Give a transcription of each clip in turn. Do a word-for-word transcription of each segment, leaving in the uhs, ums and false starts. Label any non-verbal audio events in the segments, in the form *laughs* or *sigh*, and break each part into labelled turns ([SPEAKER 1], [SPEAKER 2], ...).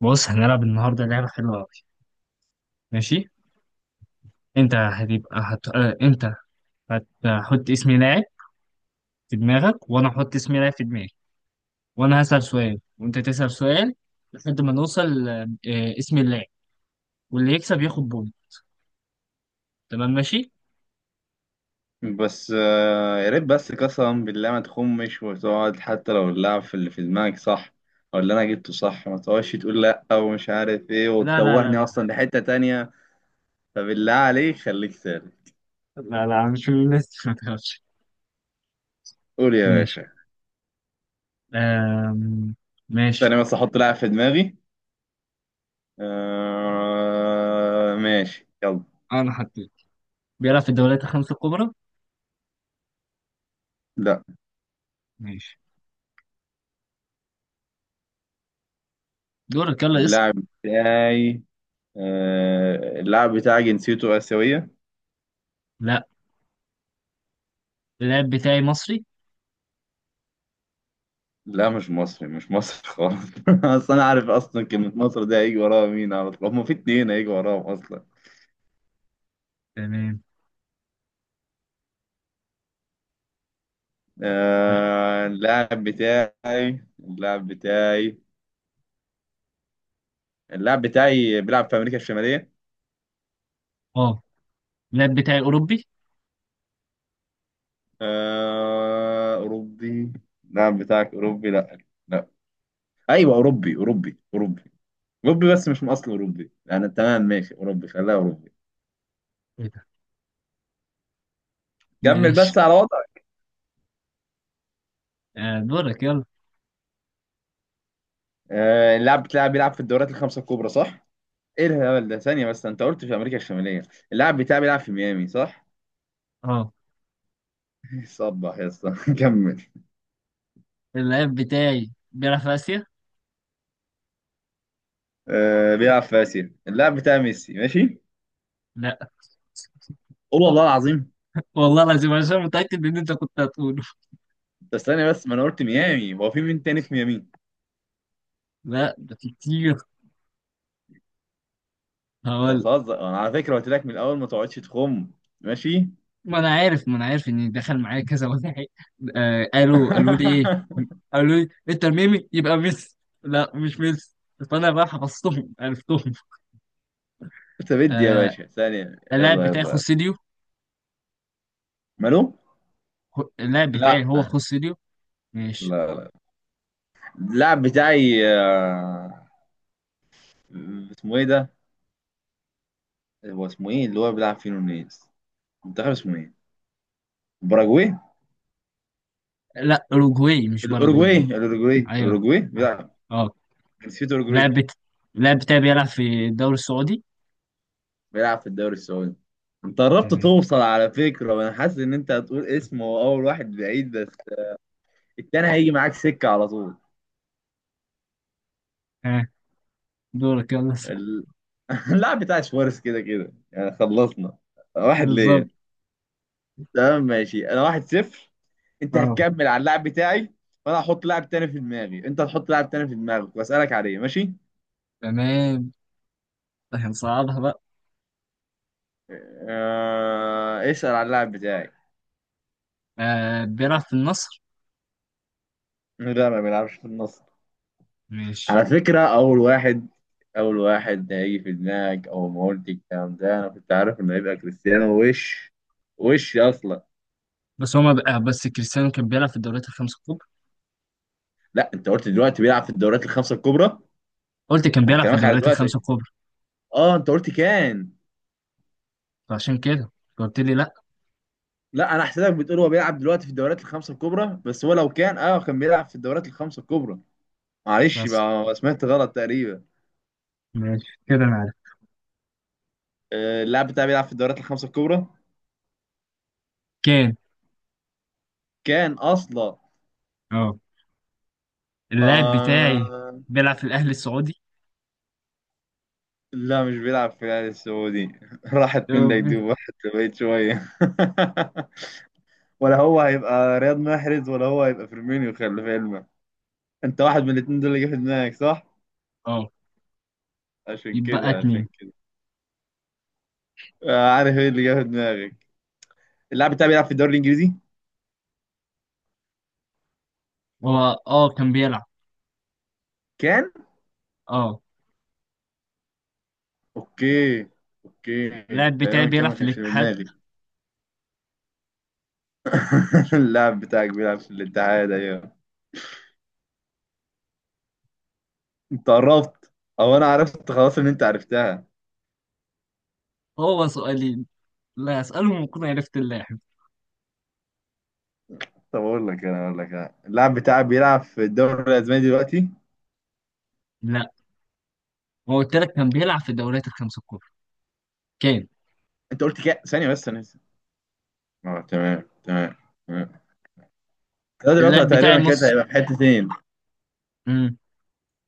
[SPEAKER 1] بص، هنلعب النهارده لعبة حلوة أوي. ماشي. أنت هتبقى هت... آه، أنت هتحط اسم لاعب في دماغك، وأنا هحط اسم لاعب في دماغي. وأنا هسأل سؤال وأنت تسأل سؤال لحد ما نوصل آه، آه، اسم اللاعب، واللي يكسب ياخد بونت. تمام، ماشي؟
[SPEAKER 2] بس آه، يا ريت بس قسما بالله ما تخمش وتقعد حتى لو اللعب في اللي في دماغك صح، او اللي انا جبته صح. ما تقعدش تقول لا ومش عارف ايه
[SPEAKER 1] لا لا لا
[SPEAKER 2] وتتوهني
[SPEAKER 1] لا.
[SPEAKER 2] اصلا لحتة تانية. فبالله عليك خليك سالك.
[SPEAKER 1] لا لا، مش من الناس. *laughs* ما تخافش.
[SPEAKER 2] قول يا
[SPEAKER 1] ماشي.
[SPEAKER 2] باشا.
[SPEAKER 1] آم...
[SPEAKER 2] تاني
[SPEAKER 1] ماشي.
[SPEAKER 2] بس احط لاعب في دماغي. آه ماشي يلا.
[SPEAKER 1] أنا حطيت. بيلعب في الدوريات الخمسة الكبرى.
[SPEAKER 2] لا.
[SPEAKER 1] ماشي. دورك، يلا اسأل.
[SPEAKER 2] اللاعب بتاعي آه اللاعب بتاعي جنسيته آسيوية.
[SPEAKER 1] لا. اللاعب بتاعي مصري.
[SPEAKER 2] لا مش مصري، مش مصري خالص. *laughs* اصل انا عارف اصلا كلمة مصر ده هيجي وراها مين على طول، هما في اتنين هيجي وراهم اصلا.
[SPEAKER 1] تمام. لا.
[SPEAKER 2] آه اللاعب بتاعي اللاعب بتاعي اللاعب بتاعي بيلعب في امريكا الشمالية.
[SPEAKER 1] اه. اللاعب بتاعي أوروبي.
[SPEAKER 2] آه اوروبي. اللاعب بتاعك اوروبي، لا. لا. ايوه اوروبي اوروبي اوروبي. اوروبي بس مش من اصل اوروبي يعني. تمام ماشي اوروبي، خليها اوروبي. كمل بس
[SPEAKER 1] ماشي.
[SPEAKER 2] على وضعك.
[SPEAKER 1] آه، دورك يلا.
[SPEAKER 2] آه اللاعب بتاعي بيلعب في الدوريات الخمسة الكبرى صح؟ ايه الهبل ده؟ ثانية بس، انت قلت في امريكا الشمالية. اللاعب بتاعي بيلعب في ميامي صح؟
[SPEAKER 1] اه،
[SPEAKER 2] *laughs* صبح يا اسطى. *laughs* كمل.
[SPEAKER 1] اللعيب بتاعي بيلعب في آسيا؟
[SPEAKER 2] آه بيلعب في اسيا. اللاعب بتاعي ميسي ماشي؟
[SPEAKER 1] لا.
[SPEAKER 2] قول والله العظيم.
[SPEAKER 1] والله العظيم، عشان متأكد إن أنت كنت هتقوله.
[SPEAKER 2] بس ثانية بس، ما انا قلت ميامي، هو في مين تاني في ميامي؟
[SPEAKER 1] لا، ده في كتير.
[SPEAKER 2] انت
[SPEAKER 1] هقول.
[SPEAKER 2] بتهزر، انا على فكرة قلت لك من الاول ما تقعدش تخم، ماشي؟
[SPEAKER 1] ما أنا عارف ما أنا عارف إن دخل معايا كذا واحد. آه قالوا قالوا لي إيه؟
[SPEAKER 2] *laughs*
[SPEAKER 1] قالوا لي أنت ميمي يبقى ميسي. لا مش ميسي. فأنا بقى حفظتهم عرفتهم.
[SPEAKER 2] انت بدي يا
[SPEAKER 1] آه
[SPEAKER 2] باشا ثانية.
[SPEAKER 1] اللاعب
[SPEAKER 2] يلا
[SPEAKER 1] بتاعي
[SPEAKER 2] يلا يلا.
[SPEAKER 1] خوسيليو.
[SPEAKER 2] مالو؟
[SPEAKER 1] خو- اللاعب
[SPEAKER 2] لا
[SPEAKER 1] بتاعي هو
[SPEAKER 2] لا
[SPEAKER 1] خوسيليو. ماشي.
[SPEAKER 2] لا. اللاعب بتاعي آه اسمه ايه ده؟ هو اسمه ايه اللي هو بيلعب فيه نونيز؟ منتخب اسمه ايه؟ باراجواي.
[SPEAKER 1] لا، أوروجواي مش
[SPEAKER 2] الاوروجواي
[SPEAKER 1] باراجواي.
[SPEAKER 2] الاوروجواي
[SPEAKER 1] أيوه.
[SPEAKER 2] الاوروجواي
[SPEAKER 1] اه.
[SPEAKER 2] بيلعب.
[SPEAKER 1] آه.
[SPEAKER 2] جنسيته اوروجواي.
[SPEAKER 1] اللاعب بت... اللاعب بتاعي بيلعب في الدوري السعودي.
[SPEAKER 2] بيلعب في الدوري السعودي. انت قربت
[SPEAKER 1] تمام.
[SPEAKER 2] توصل على فكره، وانا حاسس ان انت هتقول اسمه، هو اول واحد بعيد بس التاني هيجي معاك سكه على طول.
[SPEAKER 1] ها، دورك يلا س-
[SPEAKER 2] ال... *laughs* اللاعب بتاع شوارز كده كده يعني، خلصنا. واحد
[SPEAKER 1] بالظبط.
[SPEAKER 2] ليا. تمام ماشي، انا واحد صفر. انت
[SPEAKER 1] اه،
[SPEAKER 2] هتكمل على اللاعب بتاعي. وانا هحط لاعب تاني في دماغي، انت هتحط لاعب تاني في دماغك واسالك عليه، ماشي.
[SPEAKER 1] تمام. هنصعدها بقى.
[SPEAKER 2] آه... اسال على اللاعب بتاعي.
[SPEAKER 1] آه بيلعب في النصر.
[SPEAKER 2] لا ما بيلعبش في النص.
[SPEAKER 1] ماشي.
[SPEAKER 2] على فكرة، أول واحد أول واحد هيجي في دماغك أول ما قلت الكلام ده، أنا كنت عارف إنه هيبقى كريستيانو. وش وش أصلا.
[SPEAKER 1] بس هما بقى، آه، بس كريستيانو كان بيلعب في الدوريات الخمسة الكبرى.
[SPEAKER 2] لا أنت قلت دلوقتي بيلعب في الدوريات الخمسة الكبرى.
[SPEAKER 1] قلت كان
[SPEAKER 2] هو
[SPEAKER 1] بيلعب في
[SPEAKER 2] كلامك على
[SPEAKER 1] الدوريات الخمسة
[SPEAKER 2] دلوقتي.
[SPEAKER 1] الكبرى.
[SPEAKER 2] أه أنت قلت كان.
[SPEAKER 1] فعشان كده قلت لي لا.
[SPEAKER 2] لا أنا حسيتك بتقول هو بيلعب دلوقتي في الدوريات الخمسة الكبرى، بس هو لو كان أه كان بيلعب في الدوريات الخمسة الكبرى. معلش
[SPEAKER 1] بس
[SPEAKER 2] بقى، سمعت غلط تقريبا.
[SPEAKER 1] ماشي، كده انا عارف.
[SPEAKER 2] آه، اللاعب بتاعي بيلعب في الدوريات الخمسة الكبرى.
[SPEAKER 1] كان.
[SPEAKER 2] كان أصلا.
[SPEAKER 1] اه. اللاعب بتاعي
[SPEAKER 2] آه
[SPEAKER 1] بيلعب في الاهلي السعودي.
[SPEAKER 2] لا، مش بيلعب في الأهلي السعودي. *laughs* راحت
[SPEAKER 1] اه
[SPEAKER 2] من دايدوب،
[SPEAKER 1] بي-
[SPEAKER 2] واحد بقيت شوية. *laughs* ولا هو هيبقى رياض محرز، ولا هو هيبقى فيرمينيو، خلي في علمك. انت واحد من الاتنين دول اللي جه في دماغك، صح؟
[SPEAKER 1] آه.
[SPEAKER 2] عشان
[SPEAKER 1] يبقى
[SPEAKER 2] كده
[SPEAKER 1] اتنين.
[SPEAKER 2] عشان كده. آه، عارف ايه اللي جه في دماغك. اللاعب بتاعي بيلعب في الدوري الإنجليزي؟
[SPEAKER 1] هو اه كان بيلعب.
[SPEAKER 2] كان؟
[SPEAKER 1] اه.
[SPEAKER 2] اوكي اوكي.
[SPEAKER 1] اللاعب بتاعي
[SPEAKER 2] تقريبا كان،
[SPEAKER 1] بيلعب
[SPEAKER 2] ما
[SPEAKER 1] في
[SPEAKER 2] كانش في
[SPEAKER 1] الاتحاد.
[SPEAKER 2] دماغي. *laughs* اللاعب بتاعك بيلعب في الاتحاد ايوه. انت قربت. او انا عرفت خلاص ان انت عرفتها.
[SPEAKER 1] هو سؤالي. لا، اسألهم وأكون عرفت اللاعب.
[SPEAKER 2] طب اقول لك انا، اقول لك أنا. اللاعب بتاعك بيلعب في الدوري الاسباني دلوقتي.
[SPEAKER 1] لا، هو قلت لك كان بيلعب في الدوريات الخمسة الكبرى. كان.
[SPEAKER 2] انت قلت كام ثانيه بس، انا لسه. اه تمام تمام تمام. ده دلوقتي
[SPEAKER 1] اللاعب بتاعي
[SPEAKER 2] تقريبا كده
[SPEAKER 1] مص
[SPEAKER 2] هيبقى في حتتين.
[SPEAKER 1] امم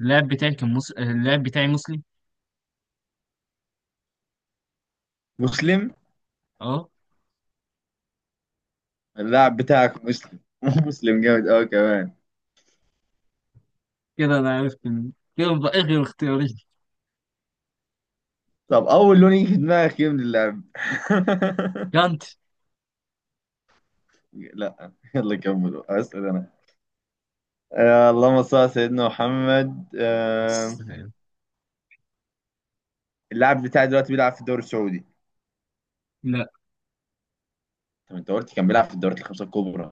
[SPEAKER 1] اللاعب بتاعي كان مص اللاعب بتاعي مسلم.
[SPEAKER 2] مسلم.
[SPEAKER 1] اه.
[SPEAKER 2] اللاعب بتاعك مسلم. *laughs* مسلم جامد قوي كمان.
[SPEAKER 1] كده انا عرفت مين. كده بقى إيه غير اختياري.
[SPEAKER 2] طب اول لون يجي في دماغك ايه من اللعب؟
[SPEAKER 1] كانت.
[SPEAKER 2] *laughs* لا يلا كمل، اسال انا. آه اللهم صل على سيدنا محمد.
[SPEAKER 1] بس.
[SPEAKER 2] آه اللاعب بتاعي دلوقتي بيلعب في الدوري السعودي.
[SPEAKER 1] لا
[SPEAKER 2] طب انت قلت كان بيلعب في الدوريات الخمسه الكبرى.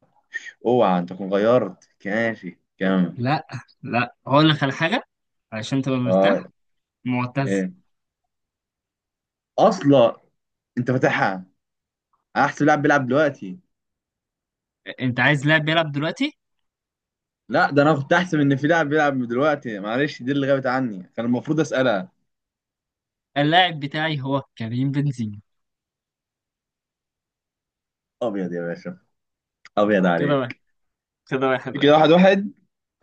[SPEAKER 2] اوعى انت تكون غيرت، ماشي كمل.
[SPEAKER 1] لا لا. هقول لك على حاجة علشان تبقى
[SPEAKER 2] اه
[SPEAKER 1] مرتاح. معتز.
[SPEAKER 2] ايه اصلا؟ انت فاتحها. انا احسب لاعب بيلعب دلوقتي.
[SPEAKER 1] انت عايز لاعب بيلعب دلوقتي.
[SPEAKER 2] لا ده انا كنت احسب ان في لاعب بيلعب دلوقتي، معلش دي اللي غابت عني، كان المفروض اسالها.
[SPEAKER 1] اللاعب بتاعي هو كريم بنزيما.
[SPEAKER 2] ابيض يا باشا، ابيض
[SPEAKER 1] كده واحد.
[SPEAKER 2] عليك.
[SPEAKER 1] كده واحد واحد.
[SPEAKER 2] كده واحد واحد.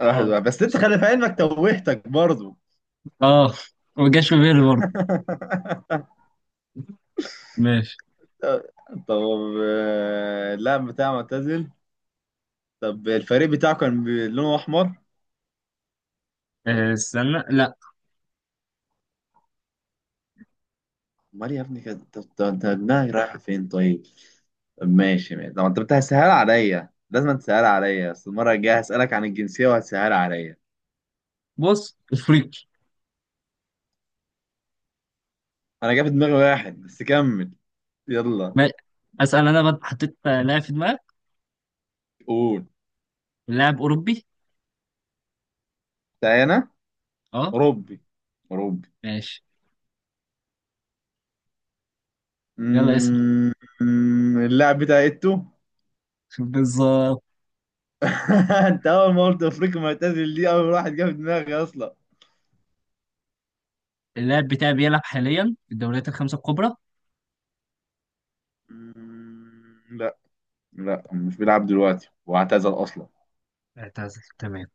[SPEAKER 2] واحد
[SPEAKER 1] اه.
[SPEAKER 2] واحد بس انت خلي في علمك توهتك برضو.
[SPEAKER 1] اه. ما جاش في بالي برضه.
[SPEAKER 2] *laughs*
[SPEAKER 1] ماشي.
[SPEAKER 2] طب. آه، اللاعب بتاعه معتزل. طب الفريق بتاعه كان بي- لونه احمر.
[SPEAKER 1] آه، استنى لا.
[SPEAKER 2] امال يا ابني كده؟ طب طب انت دماغك رايحه فين طيب. طب ماشي ماشي طب، انت بتسهل عليا، لازم تسهل عليا، بس المره الجايه هسالك عن الجنسيه وهتسهل عليا.
[SPEAKER 1] بص، افريقي.
[SPEAKER 2] انا جاب في دماغي واحد بس كمل. يلا
[SPEAKER 1] ما... اسال انا بقى حطيت لاعب في دماغك.
[SPEAKER 2] قول.
[SPEAKER 1] لاعب اوروبي.
[SPEAKER 2] تعالى.
[SPEAKER 1] اه.
[SPEAKER 2] اوروبي. اوروبي.
[SPEAKER 1] ماشي. يلا اسال.
[SPEAKER 2] مم، اللاعب بتاع ايتو. *laughs*
[SPEAKER 1] *laughs* بالظبط.
[SPEAKER 2] انت اول ما قلت افريقيا معتزل، دي اول واحد جه في دماغي اصلا.
[SPEAKER 1] اللاعب بتاعي بيلعب حاليا في الدوريات الخمسه الكبرى.
[SPEAKER 2] مم، لا. لا مش بيلعب دلوقتي واعتزل اصلا.
[SPEAKER 1] اعتزل، تمام.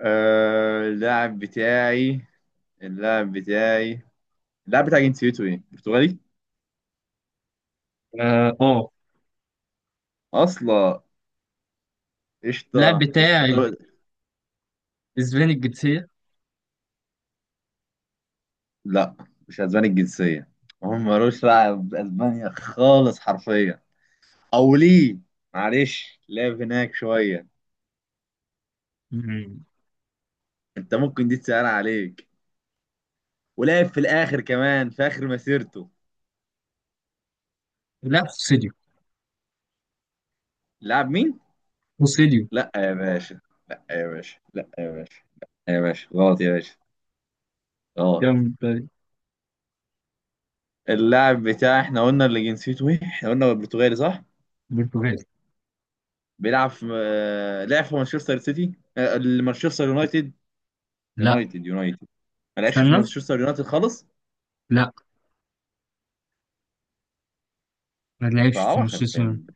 [SPEAKER 2] آه اللاعب بتاعي اللاعب بتاعي اللاعب بتاع جنسيته ايه؟ برتغالي
[SPEAKER 1] اه. آه.
[SPEAKER 2] اصلا. قشطه
[SPEAKER 1] اللاعب
[SPEAKER 2] قشطه
[SPEAKER 1] بتاعي
[SPEAKER 2] طب.
[SPEAKER 1] اسباني الجنسيه.
[SPEAKER 2] لا مش اسباني الجنسيه. هم ملوش دعوه باسبانيا خالص حرفيا. او ليه؟ معلش لعب هناك شويه.
[SPEAKER 1] مم.
[SPEAKER 2] انت ممكن دي تسأل عليك. ولعب في الاخر كمان في اخر مسيرته.
[SPEAKER 1] لا، خوسيليو.
[SPEAKER 2] لعب مين؟
[SPEAKER 1] خوسيليو
[SPEAKER 2] لا يا باشا، لا يا باشا، لا يا باشا، لا يا باشا غلط يا باشا. غلط.
[SPEAKER 1] كان
[SPEAKER 2] اللاعب بتاع احنا قلنا اللي جنسيته ايه، احنا قلنا برتغالي، صح.
[SPEAKER 1] برتغالي.
[SPEAKER 2] بيلعب في آه، لعب في مانشستر سيتي، آه، مانشستر يونايتد.
[SPEAKER 1] لا،
[SPEAKER 2] يونايتد يونايتد. ما لعبش في
[SPEAKER 1] استنى.
[SPEAKER 2] مانشستر يونايتد خالص.
[SPEAKER 1] لا، ما لعبش في
[SPEAKER 2] صعب خلي
[SPEAKER 1] مانشستر.
[SPEAKER 2] بالك.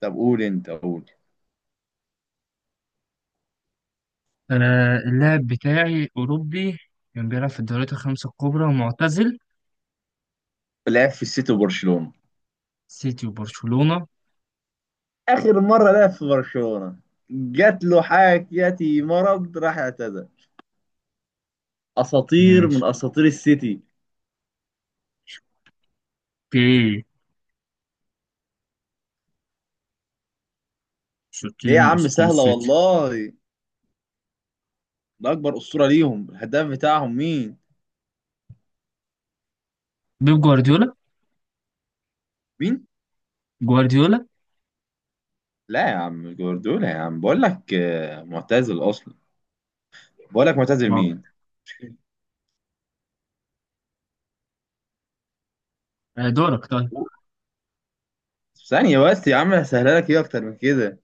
[SPEAKER 2] طب قول، انت قول.
[SPEAKER 1] آه اللاعب بتاعي أوروبي، كان بيلعب في الدوريات الخمسة الكبرى ومعتزل.
[SPEAKER 2] لعب في السيتي وبرشلونة.
[SPEAKER 1] سيتي وبرشلونة.
[SPEAKER 2] اخر مرة لعب في برشلونة، جات له حاجتي مرض، راح اعتزل. اساطير من
[SPEAKER 1] ماشي.
[SPEAKER 2] اساطير السيتي.
[SPEAKER 1] اوكي.
[SPEAKER 2] ايه
[SPEAKER 1] اساطير
[SPEAKER 2] يا
[SPEAKER 1] من
[SPEAKER 2] عم
[SPEAKER 1] اساطير
[SPEAKER 2] سهلة
[SPEAKER 1] السيتي.
[SPEAKER 2] والله. ده اكبر اسطورة ليهم، الهداف بتاعهم مين؟
[SPEAKER 1] بيب جوارديولا.
[SPEAKER 2] مين؟
[SPEAKER 1] جوارديولا.
[SPEAKER 2] لا يا عم جوارديولا يا عم، بقول لك آه، معتزل اصلا. بقول لك معتزل
[SPEAKER 1] ما-
[SPEAKER 2] مين.
[SPEAKER 1] آه، دورك طيب.
[SPEAKER 2] ثانية بس يا عم، هسهلها لك، ايه اكتر من كده.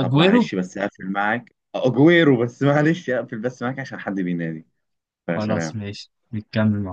[SPEAKER 2] طب
[SPEAKER 1] اجويرو.
[SPEAKER 2] معلش بس هقفل معاك، اجويرو بس معلش، اقفل بس معاك عشان حد بينادي.
[SPEAKER 1] خلاص،
[SPEAKER 2] فسلام.
[SPEAKER 1] ماشي نكمل مع